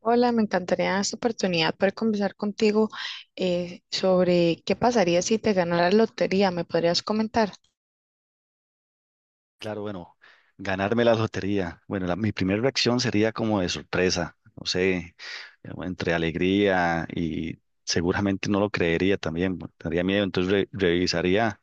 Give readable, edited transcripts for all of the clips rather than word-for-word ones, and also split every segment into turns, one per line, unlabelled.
Hola, me encantaría esta oportunidad para conversar contigo sobre qué pasaría si te ganó la lotería. ¿Me podrías comentar?
Claro, bueno, ganarme la lotería. Bueno, mi primera reacción sería como de sorpresa, no sé, entre alegría y seguramente no lo creería también, tendría miedo, entonces revisaría.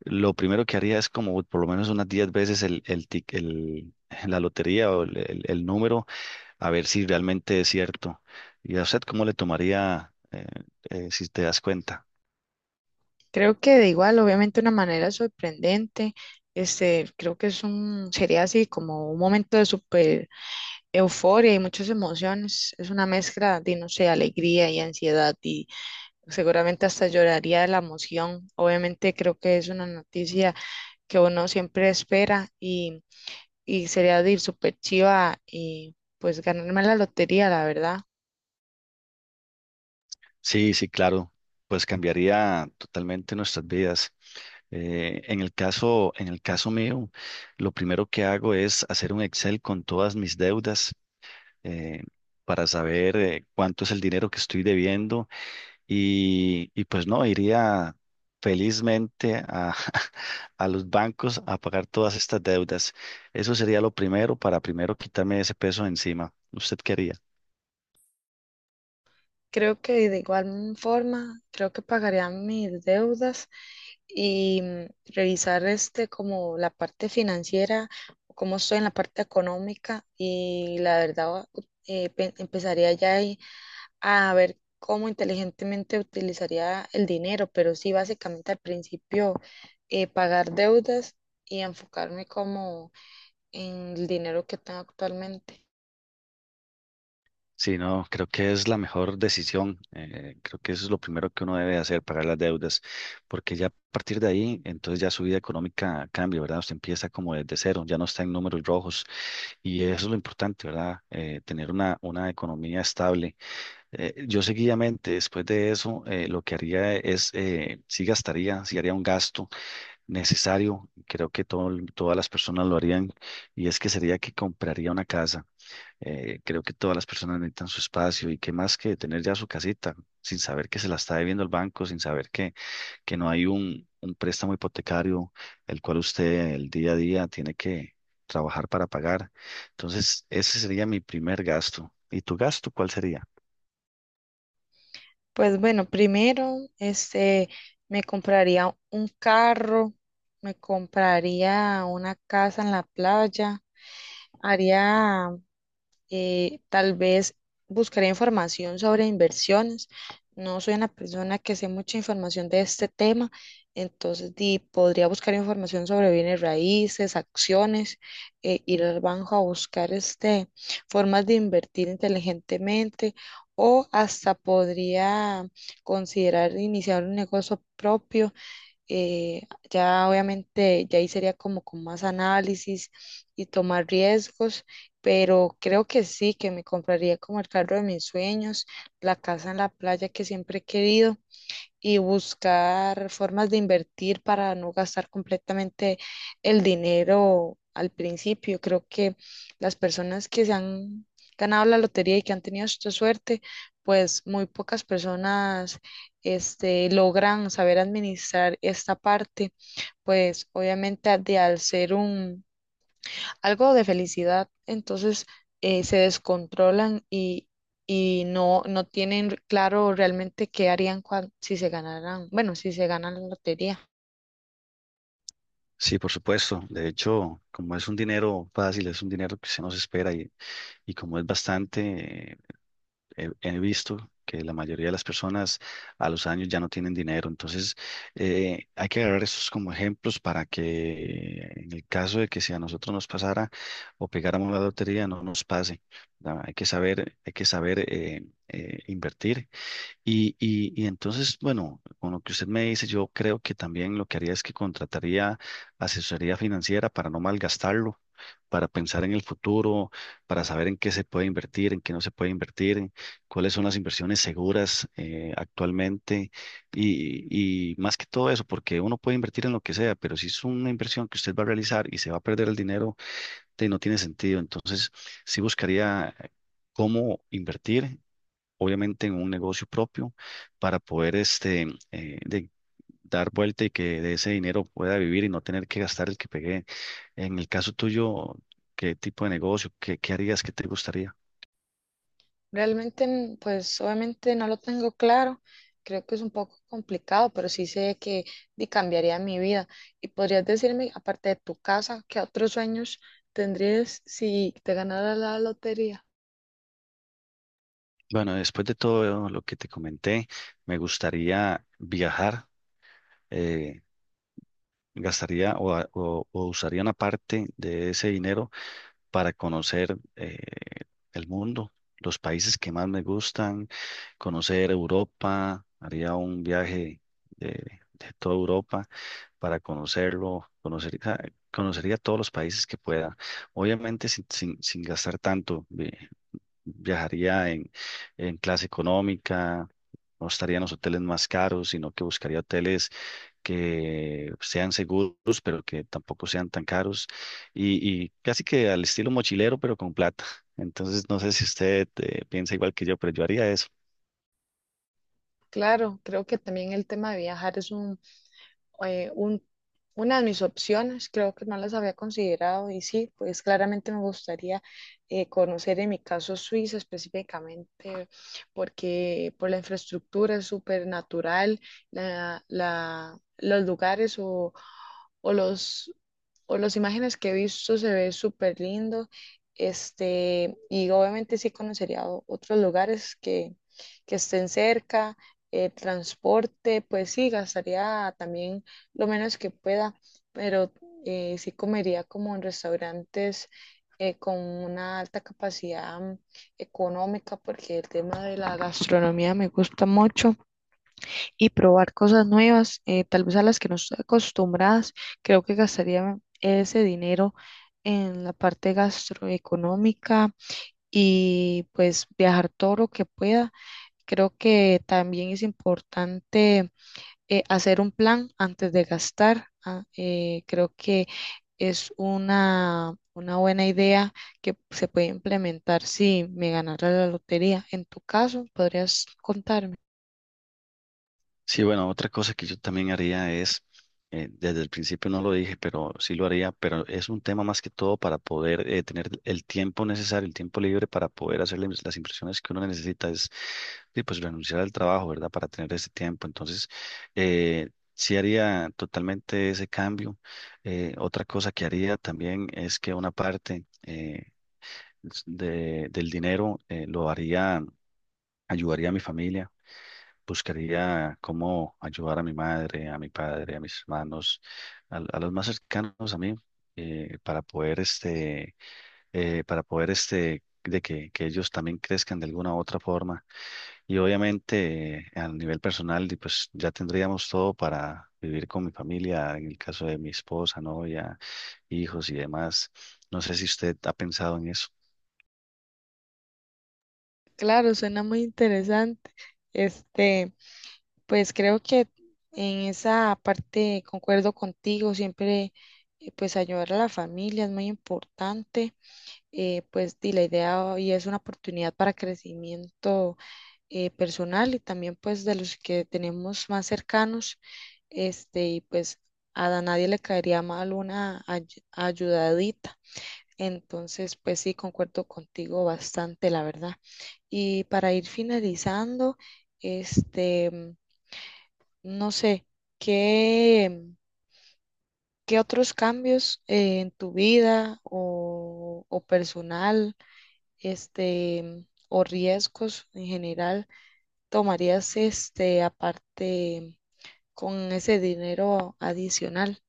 Lo primero que haría es como por lo menos unas 10 veces el la lotería o el número, a ver si realmente es cierto. ¿Y a usted cómo le tomaría si te das cuenta?
Creo que de igual, obviamente, una manera sorprendente. Este, creo que es sería así como un momento de super euforia y muchas emociones. Es una mezcla de, no sé, alegría y ansiedad y seguramente hasta lloraría de la emoción. Obviamente, creo que es una noticia que uno siempre espera y sería de ir súper chiva y pues ganarme la lotería, la verdad.
Sí, sí, claro, pues cambiaría totalmente nuestras vidas. En el caso mío, lo primero que hago es hacer un Excel con todas mis deudas eh, para saber cuánto es el dinero que estoy debiendo y pues no, iría felizmente a, a los bancos a pagar todas estas deudas. Eso sería lo primero para primero quitarme ese peso de encima. ¿Usted qué haría?
Creo que de igual forma, creo que pagaría mis deudas y revisar este como la parte financiera, cómo estoy en la parte económica y la verdad empezaría ya ahí a ver cómo inteligentemente utilizaría el dinero, pero sí básicamente al principio, pagar deudas y enfocarme como en el dinero que tengo actualmente.
Sí, no, creo que es la mejor decisión. Creo que eso es lo primero que uno debe hacer, pagar las deudas, porque ya a partir de ahí, entonces ya su vida económica cambia, ¿verdad? Usted empieza como desde cero, ya no está en números rojos y eso es lo importante, ¿verdad? Tener una economía estable. Yo seguidamente, después de eso, lo que haría es, sí gastaría, sí haría un gasto necesario, creo que todas las personas lo harían, y es que sería que compraría una casa. Creo que todas las personas necesitan su espacio y qué más que tener ya su casita, sin saber que se la está debiendo el banco, sin saber que no hay un préstamo hipotecario el cual usted el día a día tiene que trabajar para pagar. Entonces, ese sería mi primer gasto. ¿Y tu gasto cuál sería?
Pues bueno, primero, este, me compraría un carro, me compraría una casa en la playa, haría, tal vez buscaré información sobre inversiones. No soy una persona que sé mucha información de este tema, entonces podría buscar información sobre bienes raíces, acciones, ir al banco a buscar este, formas de invertir inteligentemente, o hasta podría considerar iniciar un negocio propio. eh, ya obviamente, ya ahí sería como con más análisis y tomar riesgos, pero creo que sí, que me compraría como el carro de mis sueños, la casa en la playa que siempre he querido, y buscar formas de invertir para no gastar completamente el dinero al principio. Creo que las personas que se han ganado la lotería y que han tenido esta suerte, pues muy pocas personas este, logran saber administrar esta parte, pues obviamente de al ser un algo de felicidad, entonces se descontrolan y no, no tienen claro realmente qué harían si se ganaran, bueno, si se ganan la lotería.
Sí, por supuesto. De hecho, como es un dinero fácil, es un dinero que se nos espera y como es bastante he visto que la mayoría de las personas a los años ya no tienen dinero. Entonces, hay que agarrar estos como ejemplos para que en el caso de que si a nosotros nos pasara o pegáramos la lotería, no nos pase. ¿Verdad? Hay que saber invertir y entonces, bueno, con lo que usted me dice, yo creo que también lo que haría es que contrataría asesoría financiera para no malgastarlo, para pensar en el futuro, para saber en qué se puede invertir, en qué no se puede invertir, en cuáles son las inversiones seguras actualmente y más que todo eso, porque uno puede invertir en lo que sea, pero si es una inversión que usted va a realizar y se va a perder el dinero, no tiene sentido. Entonces, sí buscaría cómo invertir obviamente en un negocio propio para poder eh, de- dar vuelta y que de ese dinero pueda vivir y no tener que gastar el que pegué. En el caso tuyo, ¿qué tipo de negocio? Qué harías? ¿Qué te gustaría?
Realmente, pues obviamente no lo tengo claro, creo que es un poco complicado, pero sí sé que cambiaría mi vida. ¿Y podrías decirme, aparte de tu casa, qué otros sueños tendrías si te ganaras la lotería?
Bueno, después de todo lo que te comenté, me gustaría viajar, eh, gastaría o o usaría una parte de ese dinero para conocer el mundo, los países que más me gustan, conocer Europa, haría un viaje de toda Europa para conocerlo, conocería, conocería todos los países que pueda, obviamente sin gastar tanto. Viajaría en clase económica, no estaría en los hoteles más caros, sino que buscaría hoteles que sean seguros, pero que tampoco sean tan caros, y casi que al estilo mochilero, pero con plata. Entonces, no sé si usted piensa igual que yo, pero yo haría eso.
Claro, creo que también el tema de viajar es eh, un- una de mis opciones, creo que no las había considerado y sí, pues claramente me gustaría, conocer en mi caso Suiza específicamente porque por la infraestructura es súper natural, los lugares o los, o las imágenes que he visto, se ve súper lindo. Este, y obviamente sí conocería otros lugares que estén cerca. Transporte, pues sí, gastaría también lo menos que pueda, pero sí comería como en restaurantes con una alta capacidad económica, porque el tema de la gastronomía me gusta mucho y probar cosas nuevas. Tal vez a las que no estoy acostumbradas, creo que gastaría ese dinero en la parte gastroeconómica y pues viajar todo lo que pueda. Creo que también es importante hacer un plan antes de gastar. Creo que es una buena idea que se puede implementar si me ganara la lotería. En tu caso, podrías contarme.
Sí, bueno, otra cosa que yo también haría es, desde el principio no lo dije, pero sí lo haría, pero es un tema más que todo para poder tener el tiempo necesario, el tiempo libre para poder hacer las impresiones que uno necesita, es, sí, pues renunciar al trabajo, ¿verdad? Para tener ese tiempo. Entonces, sí haría totalmente ese cambio. Otra cosa que haría también es que una parte del dinero ayudaría a mi familia, buscaría cómo ayudar a mi madre, a mi padre, a mis hermanos, a los más cercanos a mí, eh, para poder este, para poder este, que ellos también crezcan de alguna u otra forma. Y obviamente, a nivel personal, di, pues ya tendríamos todo para vivir con mi familia, en el caso de mi esposa, novia, hijos y demás. No sé si usted ha pensado en eso.
Claro, suena muy interesante. Este, pues creo que en esa parte concuerdo contigo, siempre, pues ayudar a la familia es muy importante. Pues di la idea y es una oportunidad para crecimiento personal y también pues de los que tenemos más cercanos. Este, y pues a nadie le caería mal una ayudadita. Entonces, pues sí, concuerdo contigo bastante, la verdad. Y para ir finalizando, este, no sé, ¿qué, ¿qué otros cambios, en tu vida o personal, este, o riesgos en general tomarías este aparte con ese dinero adicional?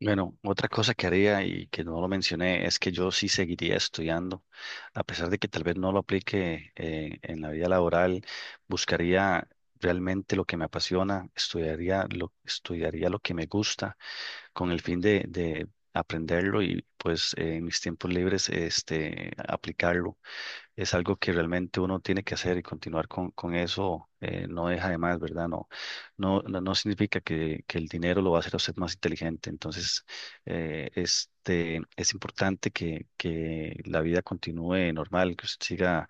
Bueno, otra cosa que haría y que no lo mencioné es que yo sí seguiría estudiando, a pesar de que tal vez no lo aplique en la vida laboral, buscaría realmente lo que me apasiona, estudiaría lo que me gusta con el fin de aprenderlo y pues en mis tiempos libres este, aplicarlo es algo que realmente uno tiene que hacer y continuar con eso no deja de más, ¿verdad? No, no no significa que el dinero lo va a hacer a usted más inteligente. Entonces, es importante que la vida continúe normal, que usted siga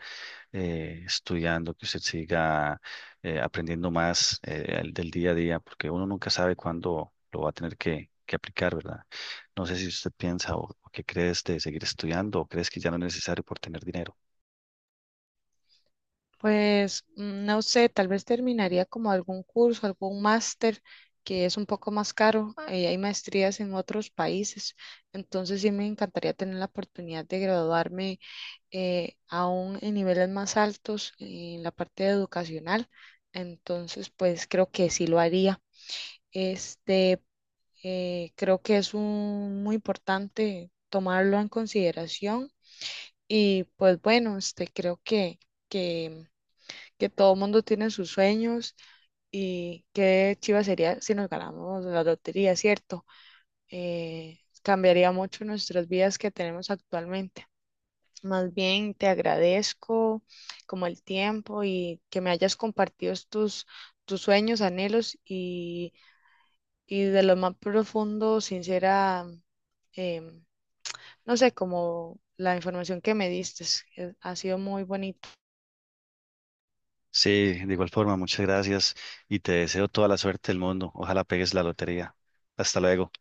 estudiando, que usted siga aprendiendo más del día a día, porque uno nunca sabe cuándo lo va a tener que aplicar, ¿verdad? No sé si usted piensa o qué crees de seguir estudiando o crees que ya no es necesario por tener dinero.
Pues no sé, tal vez terminaría como algún curso, algún máster que es un poco más caro, y hay maestrías en otros países. Entonces sí me encantaría tener la oportunidad de graduarme, aún en niveles más altos en la parte educacional. Entonces, pues creo que sí lo haría. Este, creo que es muy importante tomarlo en consideración, y pues bueno, este, creo que, que, que todo mundo tiene sus sueños, y qué chiva sería si nos ganamos la lotería, ¿cierto? Cambiaría mucho nuestras vidas que tenemos actualmente. Más bien te agradezco como el tiempo y que me hayas compartido tus, tus sueños, anhelos y de lo más profundo, sincera, em, no sé, como la información que me diste. Ha sido muy bonita.
Sí, de igual forma, muchas gracias y te deseo toda la suerte del mundo. Ojalá pegues la lotería. Hasta luego.